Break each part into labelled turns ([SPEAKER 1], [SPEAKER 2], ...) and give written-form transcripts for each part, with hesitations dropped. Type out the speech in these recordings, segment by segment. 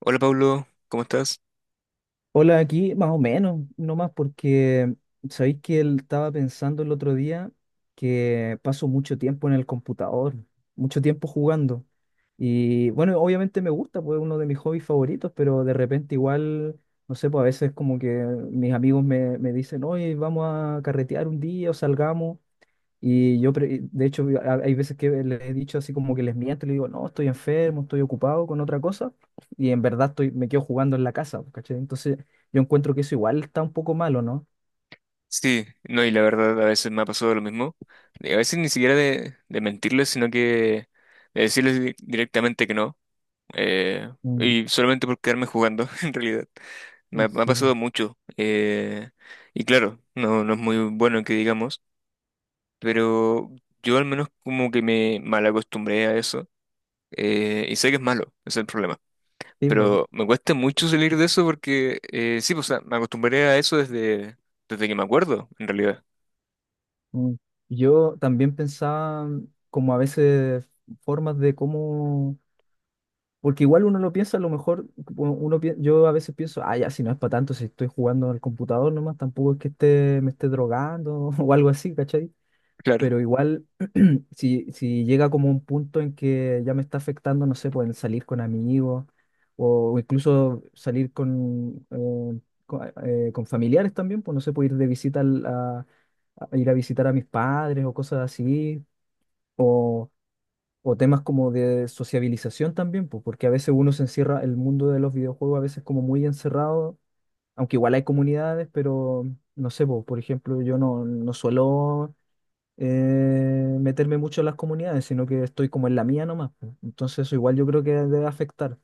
[SPEAKER 1] Hola Pablo, ¿cómo estás?
[SPEAKER 2] Hola, aquí más o menos, no más porque sabéis que él estaba pensando el otro día que paso mucho tiempo en el computador, mucho tiempo jugando. Y bueno, obviamente me gusta, pues es uno de mis hobbies favoritos, pero de repente igual, no sé, pues a veces como que mis amigos me dicen, oye, vamos a carretear un día o salgamos. Y yo, de hecho, hay veces que les he dicho así como que les miento, le digo, no, estoy enfermo, estoy ocupado con otra cosa, y en verdad estoy, me quedo jugando en la casa, pues, ¿cachai? Entonces, yo encuentro que eso igual está un poco malo, ¿no?
[SPEAKER 1] Sí, no, y la verdad a veces me ha pasado lo mismo. Y a veces ni siquiera de mentirles, sino que de decirles directamente que no. eh,
[SPEAKER 2] Mm.
[SPEAKER 1] y solamente por quedarme jugando, en realidad. Me ha
[SPEAKER 2] Sí, bo.
[SPEAKER 1] pasado mucho. Y claro, no, no es muy bueno que digamos, pero yo al menos como que me mal acostumbré a eso. Y sé que es malo, ese es el problema.
[SPEAKER 2] Sí, bo.
[SPEAKER 1] Pero me cuesta mucho salir de eso porque sí, pues, o sea, me acostumbré a eso desde, desde que me acuerdo, en realidad.
[SPEAKER 2] Mm. Yo también pensaba como a veces formas de cómo, porque igual uno lo piensa, a lo mejor yo a veces pienso, ah, ya, si no es para tanto, si estoy jugando al computador nomás, tampoco es que me esté drogando o algo así, ¿cachai?
[SPEAKER 1] Claro,
[SPEAKER 2] Pero igual si llega como un punto en que ya me está afectando, no sé, pueden salir con amigos o incluso salir con familiares también, pues no sé, puedo ir de visita a ir a visitar a mis padres o cosas así, o, o temas como de sociabilización también, pues porque a veces uno se encierra, el mundo de los videojuegos a veces como muy encerrado, aunque igual hay comunidades, pero no sé, pues, por ejemplo, yo no suelo meterme mucho en las comunidades, sino que estoy como en la mía nomás, pues. Entonces eso igual yo creo que debe afectar.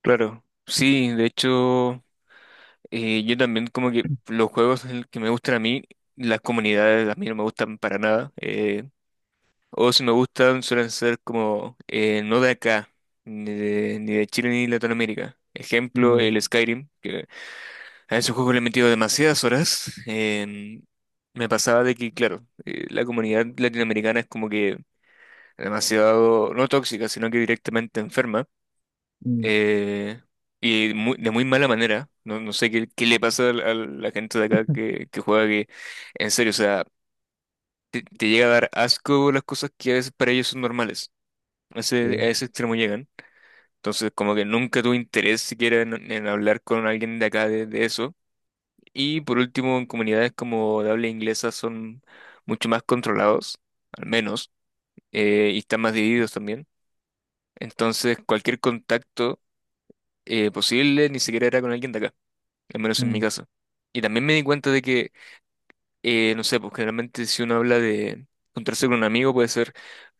[SPEAKER 1] claro. Sí, de hecho, yo también como que los juegos el que me gustan a mí, las comunidades a mí no me gustan para nada. O si me gustan suelen ser como no de acá, ni de Chile ni Latinoamérica. Ejemplo,
[SPEAKER 2] Mm.
[SPEAKER 1] el Skyrim, que a ese juego le he metido demasiadas horas. Me pasaba de que, claro, la comunidad latinoamericana es como que demasiado, no tóxica, sino que directamente enferma.
[SPEAKER 2] Mm.
[SPEAKER 1] eh, y de muy mala manera. No, no sé qué, qué le pasa a la gente de acá que juega que, en serio, o sea, te llega a dar asco las cosas que a veces para ellos son normales. A
[SPEAKER 2] Sí.
[SPEAKER 1] ese extremo llegan. Entonces, como que nunca tuve interés siquiera en hablar con alguien de acá de eso. Y por último, en comunidades como de habla inglesa son mucho más controlados, al menos, y están más divididos también. Entonces, cualquier contacto posible ni siquiera era con alguien de acá, al menos en mi
[SPEAKER 2] Mm.
[SPEAKER 1] caso. Y también me di cuenta de que, no sé, pues generalmente si uno habla de juntarse con un amigo puede ser,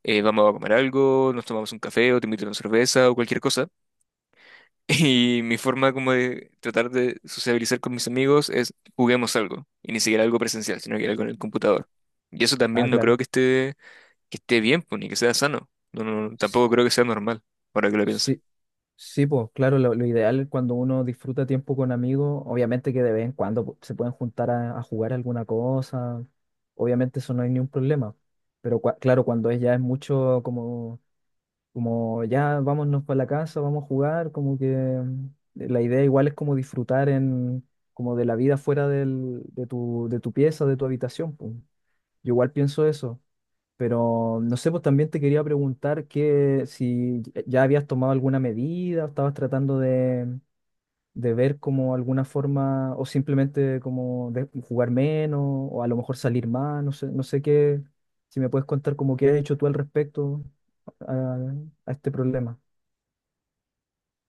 [SPEAKER 1] vamos a comer algo, nos tomamos un café o te invito a una cerveza o cualquier cosa. Y mi forma como de tratar de sociabilizar con mis amigos es juguemos algo. Y ni siquiera algo presencial, sino que algo en el computador. Y eso
[SPEAKER 2] Ah,
[SPEAKER 1] también no creo
[SPEAKER 2] claro.
[SPEAKER 1] que esté bien, pues, ni que sea sano. No, no, no,
[SPEAKER 2] S-
[SPEAKER 1] tampoco creo que sea normal, ahora que lo pienso.
[SPEAKER 2] Sí, sí, pues claro, lo ideal es cuando uno disfruta tiempo con amigos, obviamente que de vez en cuando se pueden juntar a jugar alguna cosa, obviamente eso no hay ningún problema, pero claro, cuando es ya es mucho como como ya vámonos para la casa, vamos a jugar, como que la idea igual es como disfrutar en, como de la vida fuera del- de tu pieza, de tu habitación, pues. Yo igual pienso eso, pero no sé, pues también te quería preguntar que si ya habías tomado alguna medida o estabas tratando de ver como alguna forma o simplemente como de jugar menos o a lo mejor salir más, no sé, no sé qué, si me puedes contar como qué has hecho tú al respecto a a este problema.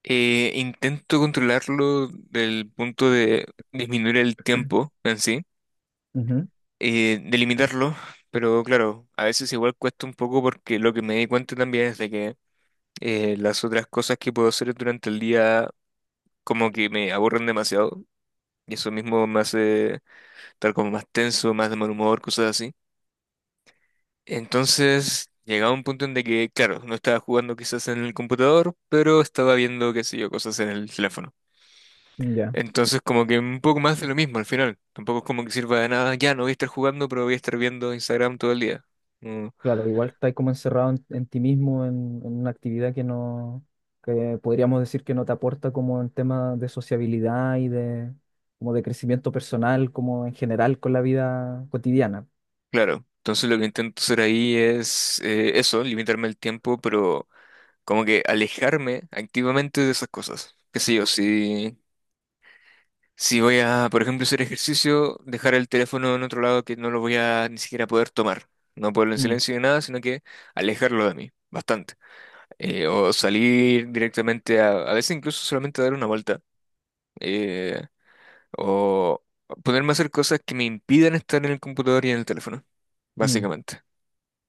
[SPEAKER 1] Intento controlarlo del punto de disminuir el tiempo en sí,
[SPEAKER 2] Ujú.
[SPEAKER 1] de limitarlo, pero claro, a veces igual cuesta un poco porque lo que me di cuenta también es de que las otras cosas que puedo hacer durante el día como que me aburren demasiado. Y eso mismo me hace estar como más tenso, más de mal humor, cosas así. Entonces, llegaba un punto en de que, claro, no estaba jugando quizás en el computador, pero estaba viendo, qué sé yo, cosas en el teléfono.
[SPEAKER 2] Ya,
[SPEAKER 1] Entonces, como que un poco más de lo mismo al final. Tampoco es como que sirva de nada, ya no voy a estar jugando, pero voy a estar viendo Instagram todo el día. Mm,
[SPEAKER 2] claro, igual estás como encerrado en ti mismo, en una actividad que no, que podríamos decir que no te aporta como en tema de sociabilidad y de, como de crecimiento personal, como en general con la vida cotidiana.
[SPEAKER 1] claro. Entonces, lo que intento hacer ahí es eso, limitarme el tiempo, pero como que alejarme activamente de esas cosas. Qué sé yo, si. Si voy a, por ejemplo, hacer ejercicio, dejar el teléfono en otro lado que no lo voy a ni siquiera poder tomar. No ponerlo en
[SPEAKER 2] Mm.
[SPEAKER 1] silencio ni nada, sino que alejarlo de mí, bastante. O salir directamente a veces incluso solamente dar una vuelta. eh, o ponerme a hacer cosas que me impidan estar en el computador y en el teléfono,
[SPEAKER 2] Mm.
[SPEAKER 1] básicamente.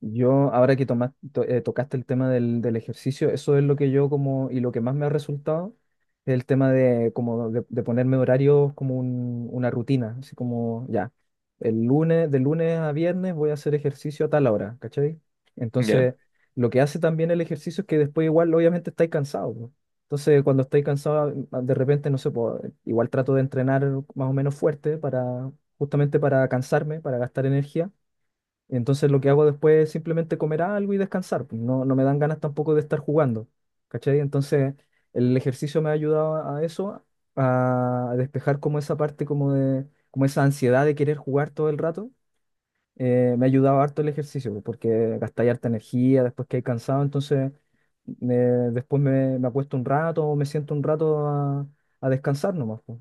[SPEAKER 2] Yo, ahora que tocaste el tema del ejercicio, eso es lo que yo como, y lo que más me ha resultado, es el tema de, como de ponerme horarios como una rutina, así como ya, el lunes, de lunes a viernes voy a hacer ejercicio a tal hora, ¿cachai?
[SPEAKER 1] ¿Ya?
[SPEAKER 2] Entonces, lo que hace también el ejercicio es que después igual, obviamente, estáis cansados, po. Entonces, cuando estáis cansados, ah, de repente, no sé, po, igual trato de entrenar más o menos fuerte para, justamente para cansarme, para gastar energía entonces lo que hago después es simplemente comer algo y descansar, pues. No, no me dan ganas tampoco de estar jugando. ¿Cachai? Entonces el ejercicio me ha ayudado a eso, a despejar como esa parte como de, como esa ansiedad de querer jugar todo el rato. Me ha ayudado harto el ejercicio, pues, porque gastáis harta energía después que hay cansado, entonces me- después me, me- acuesto un rato o me siento un rato a descansar nomás, pues.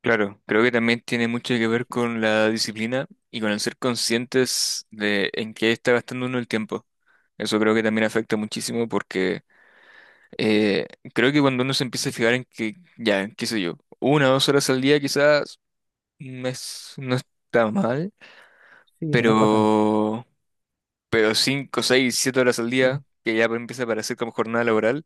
[SPEAKER 1] Claro, creo que también tiene mucho que ver con la disciplina y con el ser conscientes de en qué está gastando uno el tiempo. Eso creo que también afecta muchísimo porque Eh, creo que cuando uno se empieza a fijar en que, ya, qué sé yo, 1 o 2 horas al día quizás no está mal,
[SPEAKER 2] Sí, pues no es para tanto.
[SPEAKER 1] pero, pero 5, 6, 7 horas al día, que ya empieza a parecer como jornada laboral,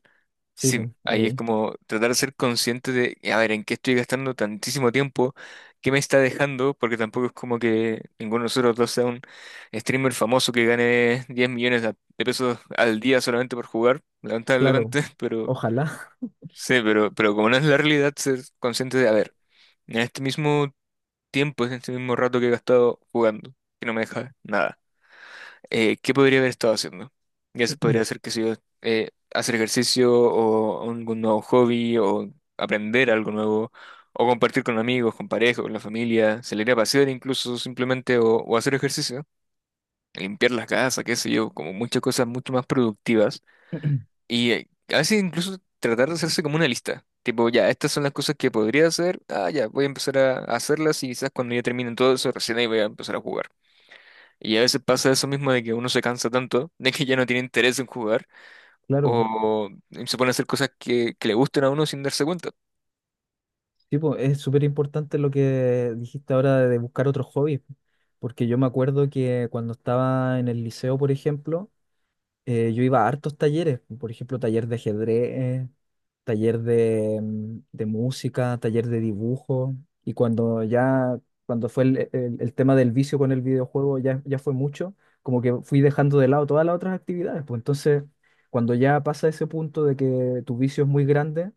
[SPEAKER 2] Sí,
[SPEAKER 1] sí,
[SPEAKER 2] pues
[SPEAKER 1] ahí es
[SPEAKER 2] ahí,
[SPEAKER 1] como tratar de ser consciente de, a ver, en qué estoy gastando tantísimo tiempo, qué me está dejando, porque tampoco es como que ninguno de nosotros dos sea un streamer famoso que gane 10 millones de pesos al día solamente por jugar,
[SPEAKER 2] claro.
[SPEAKER 1] lamentablemente, pero...
[SPEAKER 2] Ojalá.
[SPEAKER 1] Sí, pero como no es la realidad, ser consciente de, a ver, en este mismo tiempo, en este mismo rato que he gastado jugando, que no me deja nada, ¿qué podría haber estado haciendo? Ya se podría hacer, que sé yo, hacer ejercicio o algún nuevo hobby o aprender algo nuevo o compartir con amigos, con pareja, con la familia, salir a pasear incluso simplemente o hacer ejercicio, limpiar la casa, qué sé yo, como muchas cosas mucho más productivas y a veces incluso tratar de hacerse como una lista. Tipo, ya, estas son las cosas que podría hacer. Ah, ya, voy a empezar a hacerlas y quizás cuando ya terminen todo eso, recién ahí voy a empezar a jugar. Y a veces pasa eso mismo de que uno se cansa tanto, de que ya no tiene interés en jugar,
[SPEAKER 2] Claro.
[SPEAKER 1] o se pone a hacer cosas que le gusten a uno sin darse cuenta.
[SPEAKER 2] Sí, po, es súper importante lo que dijiste ahora de buscar otros hobbies, porque yo me acuerdo que cuando estaba en el liceo, por ejemplo, yo iba a hartos talleres, por ejemplo, taller de ajedrez, taller de música, taller de dibujo, y cuando ya, cuando fue el tema del vicio con el videojuego, ya, ya fue mucho, como que fui dejando de lado todas las otras actividades, pues entonces, cuando ya pasa ese punto de que tu vicio es muy grande,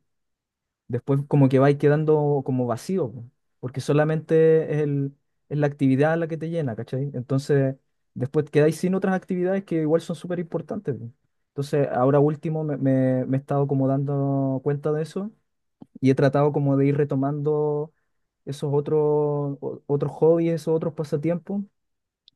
[SPEAKER 2] después como que vais quedando como vacío, po, porque solamente es la actividad la que te llena, ¿cachai? Entonces, después quedáis sin otras actividades que igual son súper importantes, po. Entonces, ahora último me he estado como dando cuenta de eso y he tratado como de ir retomando esos otros, otros hobbies, esos otros pasatiempos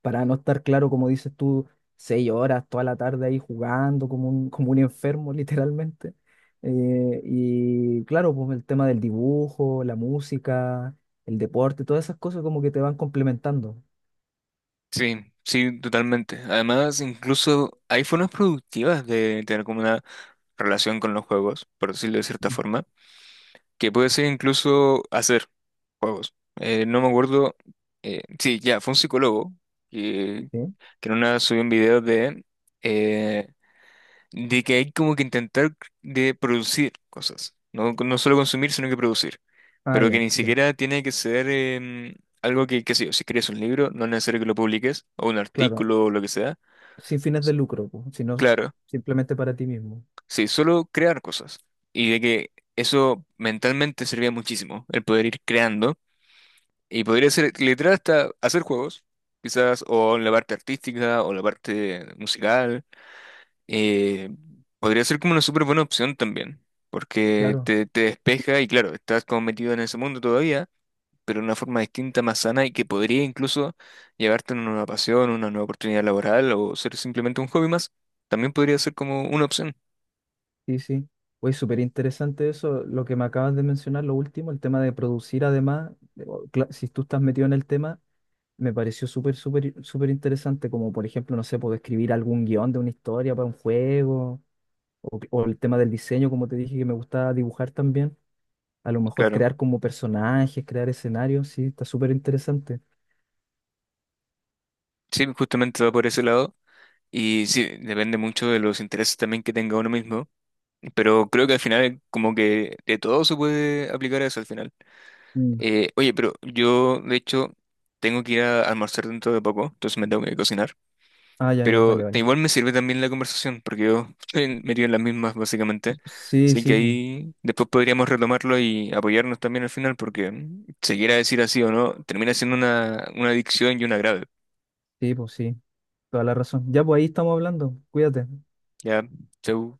[SPEAKER 2] para no estar claro, como dices tú, seis horas toda la tarde ahí jugando como un enfermo, literalmente. Y claro, pues el tema del dibujo, la música, el deporte, todas esas cosas como que te van complementando.
[SPEAKER 1] Sí, sí, totalmente. Además, incluso hay formas productivas de tener como una relación con los juegos, por decirlo de cierta forma, que puede ser incluso hacer juegos. No me acuerdo, sí, ya, fue un psicólogo que,
[SPEAKER 2] ¿Sí?
[SPEAKER 1] que en una subió un video eh, de que hay como que intentar de producir cosas, no, no solo consumir, sino que producir,
[SPEAKER 2] Ah,
[SPEAKER 1] pero que
[SPEAKER 2] ya,
[SPEAKER 1] ni
[SPEAKER 2] ya.
[SPEAKER 1] siquiera tiene que ser algo que, qué sé yo, si crees un libro, no es necesario que lo publiques, o un
[SPEAKER 2] Claro,
[SPEAKER 1] artículo o lo que sea,
[SPEAKER 2] sin fines de lucro, pues, sino
[SPEAKER 1] claro,
[SPEAKER 2] simplemente para ti mismo.
[SPEAKER 1] sí, solo crear cosas, y de que eso mentalmente servía muchísimo, el poder ir creando. Y podría ser literal hasta hacer juegos, quizás, o en la parte artística, o la parte musical. Eh, podría ser como una súper buena opción también, porque
[SPEAKER 2] Claro,
[SPEAKER 1] te despeja y claro, estás como metido en ese mundo todavía, pero de una forma distinta, más sana y que podría incluso llevarte a una nueva pasión, una nueva oportunidad laboral o ser simplemente un hobby más. También podría ser como una opción,
[SPEAKER 2] sí, sí. Pues súper interesante eso, lo que me acabas de mencionar, lo último, el tema de producir además, o, si tú estás metido en el tema me pareció súper, súper, súper interesante, como por ejemplo, no sé, puedo escribir algún guión de una historia para un juego, o el tema del diseño, como te dije, que me gusta dibujar también. A lo mejor
[SPEAKER 1] claro.
[SPEAKER 2] crear como personajes, crear escenarios, sí, está súper interesante.
[SPEAKER 1] Sí, justamente va por ese lado. Y sí, depende mucho de los intereses también que tenga uno mismo. Pero creo que al final, como que de todo se puede aplicar a eso al final.
[SPEAKER 2] Mm.
[SPEAKER 1] Oye, pero yo, de hecho, tengo que ir a almorzar dentro de poco, entonces me tengo que cocinar.
[SPEAKER 2] Ah, ya, ya,
[SPEAKER 1] Pero
[SPEAKER 2] vale, vale.
[SPEAKER 1] igual me sirve también la conversación, porque yo estoy metido en las mismas, básicamente.
[SPEAKER 2] Sí,
[SPEAKER 1] Así que
[SPEAKER 2] sí,
[SPEAKER 1] ahí después podríamos retomarlo y apoyarnos también al final, porque mm, se quiera decir así o no, termina siendo una adicción y una grave.
[SPEAKER 2] sí, pues sí, toda la razón. Ya, pues ahí estamos hablando, cuídate.
[SPEAKER 1] Ya, chau.